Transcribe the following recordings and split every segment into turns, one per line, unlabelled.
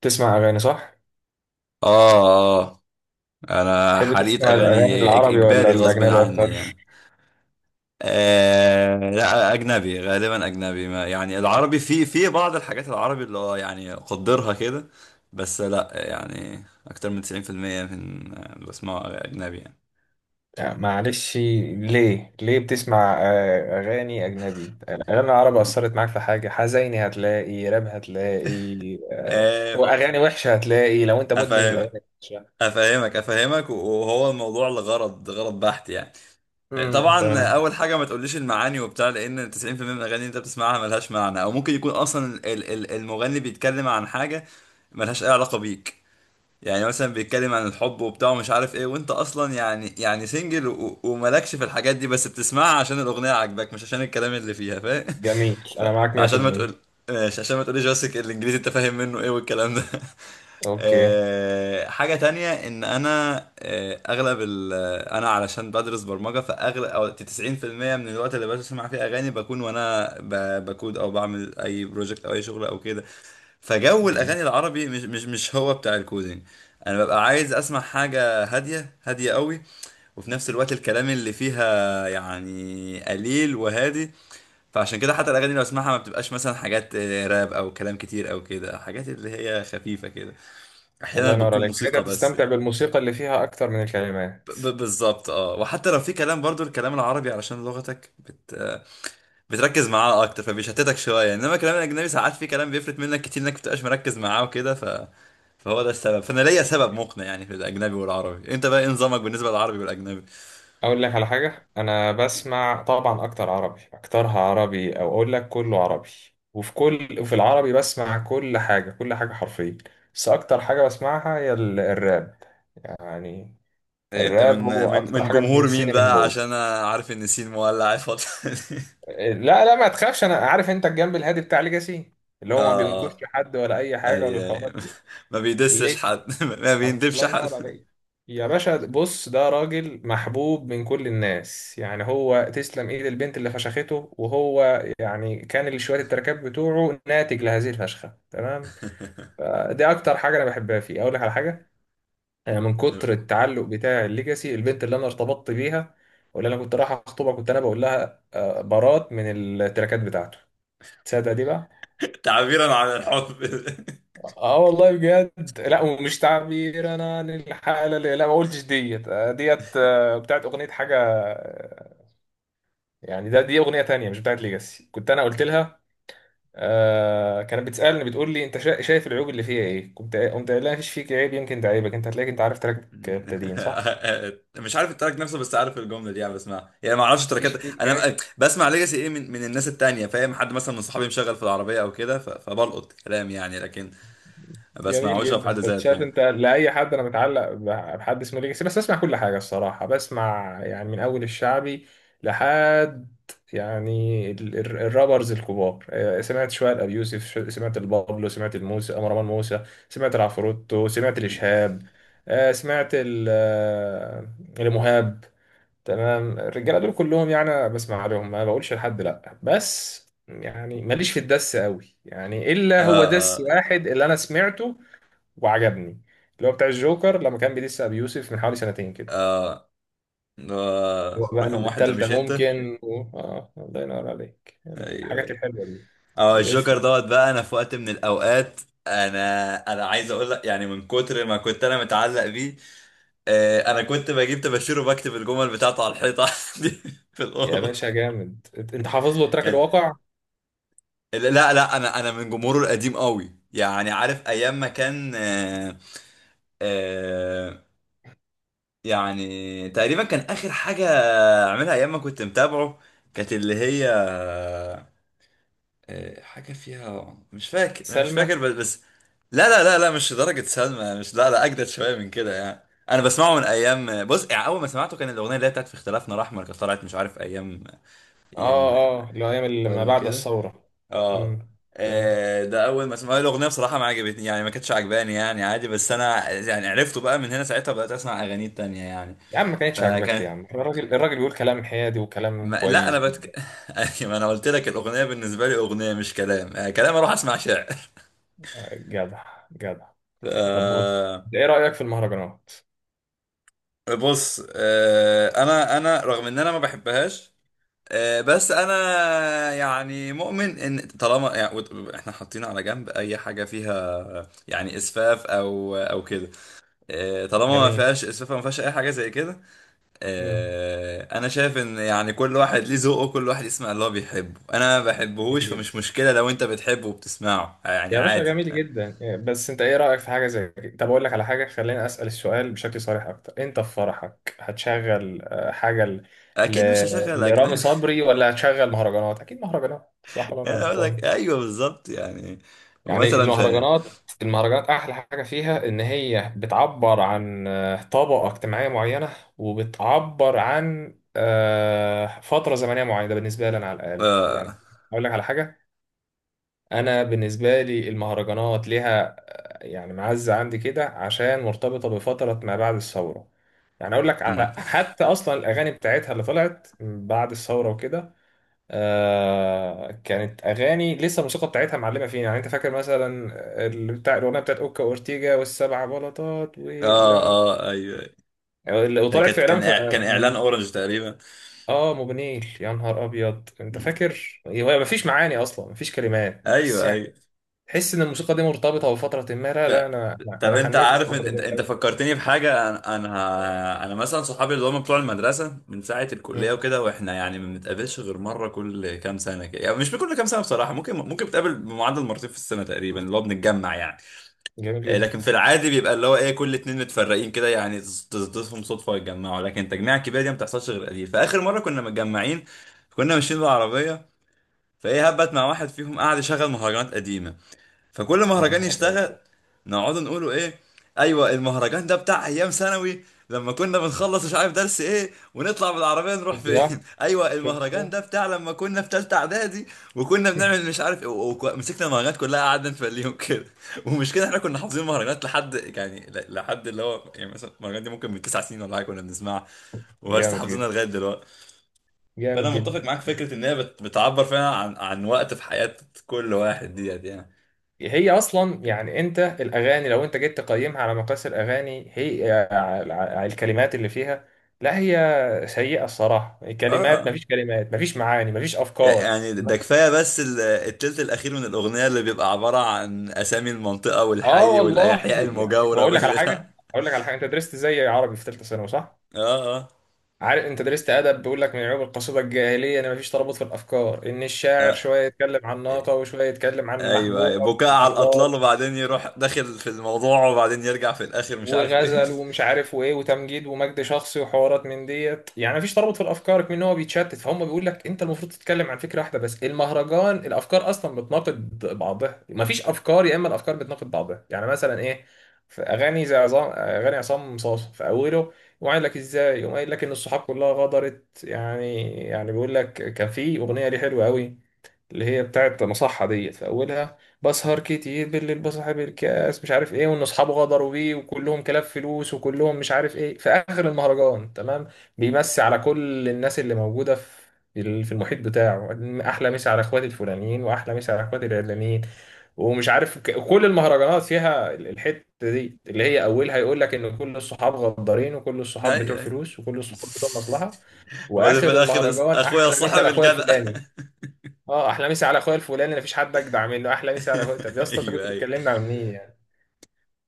تسمع أغاني صح؟
اه، اه. انا
تحب
حريت
تسمع الأغاني
اغاني إج-
العربي ولا
اجباري غصب
الأجنبي
عني
أكتر؟
يعني. آه، لا، اجنبي، غالبا اجنبي ما يعني، العربي في بعض الحاجات، العربي اللي هو يعني قدرها كده. بس لا، يعني اكتر من 90% من اللي بسمعه اجنبي يعني.
يعني معلش. ليه؟ بتسمع أغاني أجنبي؟ الأغاني العربي أثرت معاك في حاجة حزيني، هتلاقي راب، هتلاقي
آه،
وأغاني وحشة، هتلاقي لو أنت مدمن الأغاني
افهمك،
الوحشة.
افهمك، افهمك. وهو الموضوع لغرض غرض بحت يعني. طبعا،
تمام.
اول حاجه ما تقوليش المعاني وبتاع، لان 90% من الاغاني اللي انت بتسمعها ملهاش معنى، او ممكن يكون اصلا المغني بيتكلم عن حاجه ملهاش اي علاقه بيك. يعني مثلا بيتكلم عن الحب وبتاع ومش عارف ايه، وانت اصلا يعني سنجل وملكش في الحاجات دي، بس بتسمعها عشان الاغنيه عاجباك مش عشان الكلام اللي فيها، فاهم؟
جميل،
ف-
أنا معاك
فعشان ما
100%.
تقول ماشي، عشان ما تقوليش بس الانجليزي انت فاهم منه ايه والكلام ده.
أوكي.
حاجة تانية ان انا، اغلب ال آه، انا علشان بدرس برمجة، فاغلب او 90% من الوقت اللي بسمع فيه اغاني بكون وانا بكود او بعمل اي بروجكت او اي شغل او كده. فجو
جميل.
الاغاني العربي مش هو بتاع الكودينج. انا ببقى عايز اسمع حاجة هادية هادية قوي، وفي نفس الوقت الكلام اللي فيها يعني قليل وهادي. فعشان كده حتى الاغاني اللي بسمعها ما بتبقاش مثلا حاجات راب او كلام كتير او كده، حاجات اللي هي خفيفة كده، احيانا
الله ينور
بتكون
عليك، يعني
موسيقى
أنت
بس
بتستمتع
يعني.
بالموسيقى اللي فيها أكتر من الكلمات.
بالظبط. اه، وحتى لو في كلام برضو الكلام العربي، علشان لغتك بت... آه، بتركز معاه اكتر فبيشتتك شويه، انما الكلام الاجنبي ساعات في كلام بيفلت منك كتير انك بتبقاش مركز معاه وكده فهو ده السبب. فانا ليا سبب مقنع يعني في الاجنبي والعربي. انت بقى إيه نظامك بالنسبه للعربي والاجنبي؟
اقول لك على حاجه، انا بسمع طبعا اكتر عربي، اكترها عربي او اقول لك كله عربي. وفي العربي بسمع كل حاجه كل حاجه حرفيا. بس اكتر حاجه بسمعها هي الراب، يعني.
انت
الراب
من
هو
من
اكتر
من
حاجه
جمهور مين
بتمسني من
بقى، عشان
جوه.
انا عارف ان سين مولع الفتره دي؟
لا لا، ما تخافش، انا عارف انت الجنب الهادي بتاع ليجاسي، اللي هو ما
اه،
بينكوش
اه،
لحد ولا اي حاجه ولا
اي، اي.
الحوارات دي.
ما بيدسش حد ما بيندبش
الله
حد
ينور عليك. يا باشا بص، ده راجل محبوب من كل الناس، يعني هو تسلم ايد البنت اللي فشخته، وهو يعني كان شوية التركات بتوعه ناتج لهذه الفشخة، تمام. دي اكتر حاجة انا بحبها فيه. اقول لك على حاجة، انا من كتر التعلق بتاع الليجاسي، البنت اللي انا ارتبطت بيها واللي انا كنت رايح اخطبها كنت انا بقول لها، برات من التركات بتاعته. تصدق دي بقى.
تعبيرا عن الحب
اه والله بجد، لا ومش تعبير انا عن الحالة اللي، لا ما قلتش ديت، ديت، بتاعت اغنية حاجة، يعني دي اغنية تانية مش بتاعت ليجاسي كنت انا قلت لها. كانت بتسألني بتقول لي انت شايف العيوب اللي فيها ايه، كنت قمت قايل لها مفيش فيك عيب، يمكن ده عيبك انت، هتلاقيك انت عارف تراك ابتدين صح؟
مش عارف التراك نفسه بس عارف الجمله دي، يعني بسمعها يعني، ما اعرفش التراكات.
مفيش فيك.
انا بسمع ليجاسي ايه من الناس التانية، فاهم؟ حد مثلا من صحابي مشغل في العربيه او كده، فبلقط كلام يعني، لكن ما
جميل
بسمعوش في
جدا.
حد
كنت
ذاته
شايف
يعني.
انت لاي حد انا متعلق بحد اسمه ليجاسي، بس اسمع كل حاجه الصراحه، بسمع يعني من اول الشعبي لحد يعني الرابرز الكبار، سمعت شويه لابي يوسف، سمعت البابلو، سمعت الموسى مروان موسى، سمعت العفروتو، سمعت الاشهاب، سمعت المهاب. تمام، الرجاله دول كلهم يعني أنا بسمع عليهم ما بقولش لحد لا، بس يعني ماليش في الدس قوي، يعني
آه،
الا هو دس
آه.
واحد اللي انا سمعته وعجبني، اللي هو بتاع الجوكر لما كان بيدس ابي يوسف من حوالي سنتين كده.
آه،
هو بقى
رقم واحد ده
التالتة
مش انت؟
ممكن و... اه الله ينور عليك
ايوه،
الحاجات
ايوه.
الحلوة دي.
اه، الجوكر
ولسه.
دوت بقى. انا في وقت من الاوقات، انا عايز اقول لك يعني، من كتر ما كنت انا متعلق بيه، انا كنت بجيب طباشير وبكتب الجمل بتاعته على الحيطه عندي في
يا
الاوضه.
باشا جامد، انت حافظ له تراك
كان،
الواقع.
لا، لا، انا من جمهوره القديم قوي يعني. عارف ايام ما كان، آه، يعني تقريبا كان اخر حاجه عملها ايام ما كنت متابعه، كانت اللي هي حاجه فيها مش فاكر. أنا مش
سلمى.
فاكر بس لا، لا، لا، لا، مش درجه سلمى، مش، لا، لا، اجدد شويه من كده يعني. انا بسمعه من ايام، بص يعني، اول ما سمعته كان الاغنيه اللي هي بتاعت في اختلافنا الاحمر، كانت طلعت مش عارف ايام.
اه
يم،
اه، اللي هو ايام
وين،
ما بعد
وكده.
الثورة.
اه.
امم فهمت.
ده اول ما سمعت الاغنيه بصراحه ما عجبتني يعني، ما كانتش عجباني يعني، عادي. بس انا يعني عرفته بقى من هنا، ساعتها بدات اسمع اغاني تانية يعني.
يا عم ما كانتش عاجباك
فكان
ليه يا عم، الراجل بيقول كلام حيادي وكلام
ما... لا، انا
كويس جدا.
أيوة، ما انا قلت لك الاغنيه بالنسبه لي اغنيه مش كلام. كلام اروح اسمع شعر
جدع جدع. طب بص،
آه،
إنت ايه رأيك في المهرجانات؟
بص، انا رغم ان انا ما بحبهاش، بس انا يعني مؤمن ان طالما يعني احنا حاطين على جنب اي حاجه فيها يعني اسفاف او كده، طالما ما
جميل.
فيهاش اسفاف أو ما فيهاش اي حاجه زي كده.
امم
انا شايف ان يعني كل واحد ليه ذوقه، كل واحد يسمع اللي هو بيحبه، انا ما بحبهوش
جميل
فمش
جدا.
مشكله لو انت بتحبه وبتسمعه، يعني
يا باشا
عادي.
جميل جدا، بس انت ايه رأيك في حاجة زي كده؟ طب اقول لك على حاجة، خليني اسأل السؤال بشكل صريح اكتر، انت في فرحك هتشغل حاجة
اكيد مش
ل...
هشغل
لرامي
اجنبي
صبري، ولا هتشغل مهرجانات؟ اكيد مهرجانات صح ولا انا
انا اقول
غلطان؟
لك ايوه، بالظبط يعني.
يعني
ومثلا في،
المهرجانات احلى حاجة فيها ان هي بتعبر عن طبقة اجتماعية معينة، وبتعبر عن فترة زمنية معينة. ده بالنسبة لي انا على الاقل يعني.
اه.
اقول لك على حاجة، انا بالنسبه لي المهرجانات ليها يعني معزه عندي كده عشان مرتبطه بفتره ما بعد الثوره. يعني اقول لك
أمم.
على حتى اصلا الاغاني بتاعتها اللي طلعت بعد الثوره وكده، كانت اغاني لسه الموسيقى بتاعتها معلمه فينا. يعني انت فاكر مثلا اللي بتاع الاغنيه بتاعت اوكا اورتيجا والسبع بلاطات
اه،
واللم،
اه، ايوه، أيوه. ده
وطلعت في
كانت
اعلان
كان
في
إع- كان اعلان اورنج تقريبا.
اه موبينيل؟ يا نهار ابيض. انت
مم.
فاكر، هو مفيش معاني اصلا، مفيش كلمات بس
ايوه، ايوه.
تحس ان الموسيقى دي مرتبطه بفتره ما. لا
ط-
لا، انا انا
طب
أنا
انت
حنيت
عارف
الفتره
انت
دي
انت
قوي.
فكرتني بحاجه. انا مثلا صحابي اللي هم بتوع المدرسه من ساعه الكليه
مم.
وكده، واحنا يعني ما بنتقابلش غير مره كل كام سنه كده، يعني مش كل كام سنه بصراحه، ممكن بتقابل بمعدل مرتين في السنه تقريبا اللي هو بنتجمع يعني.
جميل
لكن في
جدا.
العادي بيبقى اللي هو ايه كل اتنين متفرقين كده يعني، تصدفهم صدفه يتجمعوا، لكن التجميع الكبيره دي ما بتحصلش غير قليل. فاخر مره كنا متجمعين كنا ماشيين بالعربيه، فايه هبت مع واحد فيهم قاعد يشغل مهرجانات قديمه. فكل
يا
مهرجان
نهار
يشتغل
ابيض.
نقعد نقولوا ايه، ايوه المهرجان ده بتاع ايام ثانوي لما كنا بنخلص مش عارف درس ايه ونطلع بالعربيه نروح
شفت
فين
بقى،
ايوه
شفت
المهرجان
بقى.
ده بتاع لما كنا في ثالثه اعدادي، وكنا بنعمل مش عارف ايه. ومسكنا المهرجانات كلها قعدنا نفليهم كده ومش كده، احنا كنا حافظين المهرجانات لحد يعني لحد اللي هو يعني مثلا المهرجان دي ممكن من تسع سنين ولا حاجه كنا بنسمعها، ولسه
جامد
حافظينها
جدا،
لغايه دلوقتي. فانا
جامد
متفق
جدا.
معاك في فكره ان هي بتعبر فعلا عن وقت في حياه كل واحد ديت يعني.
هي اصلا يعني انت الاغاني لو انت جيت تقيمها على مقاس الاغاني هي الكلمات اللي فيها لا هي سيئه الصراحه، الكلمات
اه،
مفيش كلمات، مفيش معاني، مفيش افكار،
يعني ده
تمام.
كفايه بس التلت الاخير من الاغنيه اللي بيبقى عباره عن اسامي المنطقه
اه
والحي
والله
والاحياء
يعني، طب
المجاوره
اقول لك على
اه.
حاجه اقول لك على حاجه انت درست زي عربي في ثالثه ثانوي صح؟
اه.
عارف انت درست ادب، بيقول لك من عيوب القصيده الجاهليه ان مفيش ترابط في الافكار، ان الشاعر
آه،
شويه يتكلم عن ناقه وشويه يتكلم عن
ايوه،
محبوبه
أيوة.
وعن
بكاء على الاطلال،
اطلال
وبعدين يروح داخل في الموضوع، وبعدين يرجع في الاخر مش عارف ايه
وغزل ومش عارف وايه وتمجيد ومجد شخصي وحوارات من ديت، يعني مفيش ترابط في الافكار، كمان هو بيتشتت. فهم بيقول لك انت المفروض تتكلم عن فكره واحده، بس المهرجان الافكار اصلا بتناقض بعضها، مفيش افكار يا اما الافكار بتناقض بعضها. يعني مثلا ايه، في اغاني زي عظام اغاني عصام صاصا، في اوله يقوم قايل لك ازاي، يقوم قايل لك ان الصحاب كلها غدرت، يعني بيقول لك كان في اغنيه ليه حلوه قوي، اللي هي بتاعت مصحة ديت، في أولها بسهر كتير بالليل بصاحب الكاس مش عارف إيه وإن أصحابه غدروا بيه وكلهم كلاب فلوس وكلهم مش عارف إيه. في آخر المهرجان تمام، بيمسي على كل الناس اللي موجودة في المحيط بتاعه، أحلى مسا على إخواتي الفلانيين وأحلى مسا على إخواتي العلانيين، ومش عارف. كل المهرجانات فيها الحتة دي، اللي هي أولها يقول لك إن كل الصحاب غدارين وكل الصحاب بتوع
ايوه، أيوة.
فلوس وكل الصحاب بتوع مصلحة،
وبعدين في
وآخر
الاخر
المهرجان
اخويا
أحلى مسا
صاحب
على أخويا
الجدع
الفلاني. اه احلى مسا على اخويا الفلاني، مفيش حد اجدع منه، احلى مسا على اخويا. طب يا اسطى انت كنت
ايوه، ايوه،
بتكلمنا عن مين يعني؟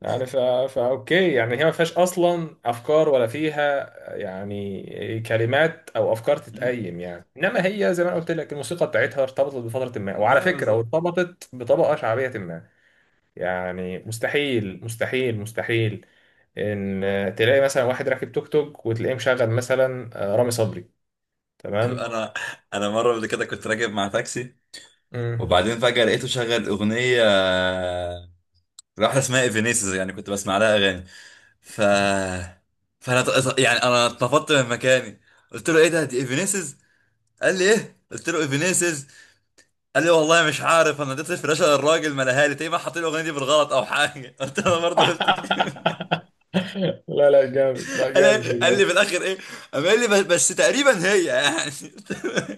يعني فا فا اوكي يعني، هي ما فيهاش اصلا افكار ولا فيها يعني كلمات او افكار تتقيم، يعني انما هي زي ما أنا قلت لك الموسيقى بتاعتها ارتبطت بفتره ما، وعلى
ما
فكره
بالظبط.
وارتبطت بطبقه شعبيه ما. يعني مستحيل، مستحيل، مستحيل ان تلاقي مثلا واحد راكب توك توك وتلاقيه مشغل مثلا رامي صبري، تمام؟
انا انا مره قبل كده كنت راكب مع تاكسي،
مم.
وبعدين فجاه لقيته شغل اغنيه واحده اسمها ايفينيسز، يعني كنت بسمع لها اغاني. ف فانا يعني انا اتنفضت من مكاني، قلت له ايه ده دي ايفينيسز؟ قال لي ايه؟ قلت له ايفينيسز. قال لي والله مش عارف، انا اديت الفلاشه للراجل ما لها لي، تقريبا حاطين الاغنيه دي بالغلط او حاجه قلت له انا برضه قلت كده.
لا لا، جامد، لا
قال لي
جامد
قال
بجد.
لي في الاخر ايه. قام قال لي بس، تقريبا هي يعني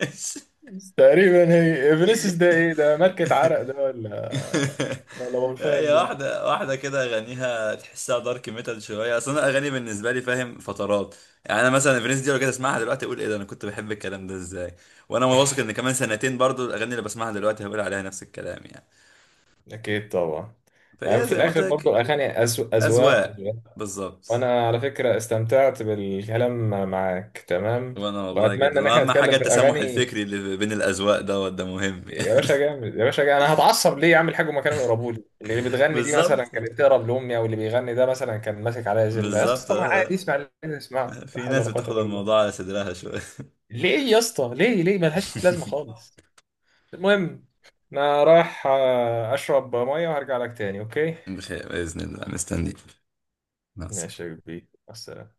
تقريبا هي فينيسيوس، ده ايه ده؟ ماركة عرق ده ولا ولا
هي
بولفان ده؟
واحدة واحدة كده، أغانيها تحسها دارك ميتال شوية. أصل أنا أغاني بالنسبة لي فاهم فترات، يعني أنا مثلا فرينز دي لو كده أسمعها دلوقتي أقول إيه ده أنا كنت بحب الكلام ده إزاي. وأنا واثق إن كمان سنتين برضو الأغاني اللي بسمعها دلوقتي هقول عليها نفس الكلام يعني.
اكيد طبعا. يعني
فهي
في
زي ما قلت
الاخر برضو
لك،
الاغاني اذواق
أذواق،
اذواق.
بالظبط.
وانا على فكره استمتعت بالكلام معاك، تمام.
وأنا والله جدا،
واتمنى ان احنا
وأهم حاجة
نتكلم في
التسامح
الاغاني.
الفكري اللي بين الأذواق دوت ده مهم يعني.
يا باشا جامد، يا باشا جامد. انا هتعصب ليه اعمل حاجه وما كانوا يقربوا لي اللي بتغني دي مثلا
بالظبط،
كانت تقرب لامي او اللي بيغني ده مثلا كان ماسك عليا زله؟ يا
بالظبط،
اسطى ما عادي
آه.
اسمع اللي عايز اسمعه، لا
في
حول
ناس
ولا قوه
بتاخد
الا بالله.
الموضوع على صدرها شوية
ليه يا اسطى، ليه ليه؟ ملهاش لازمه خالص. المهم، انا رايح اشرب ميه وهرجع لك تاني، اوكي؟
بخير بإذن الله، مستنيك، مع
ماشي
السلامة.
يا كبير بس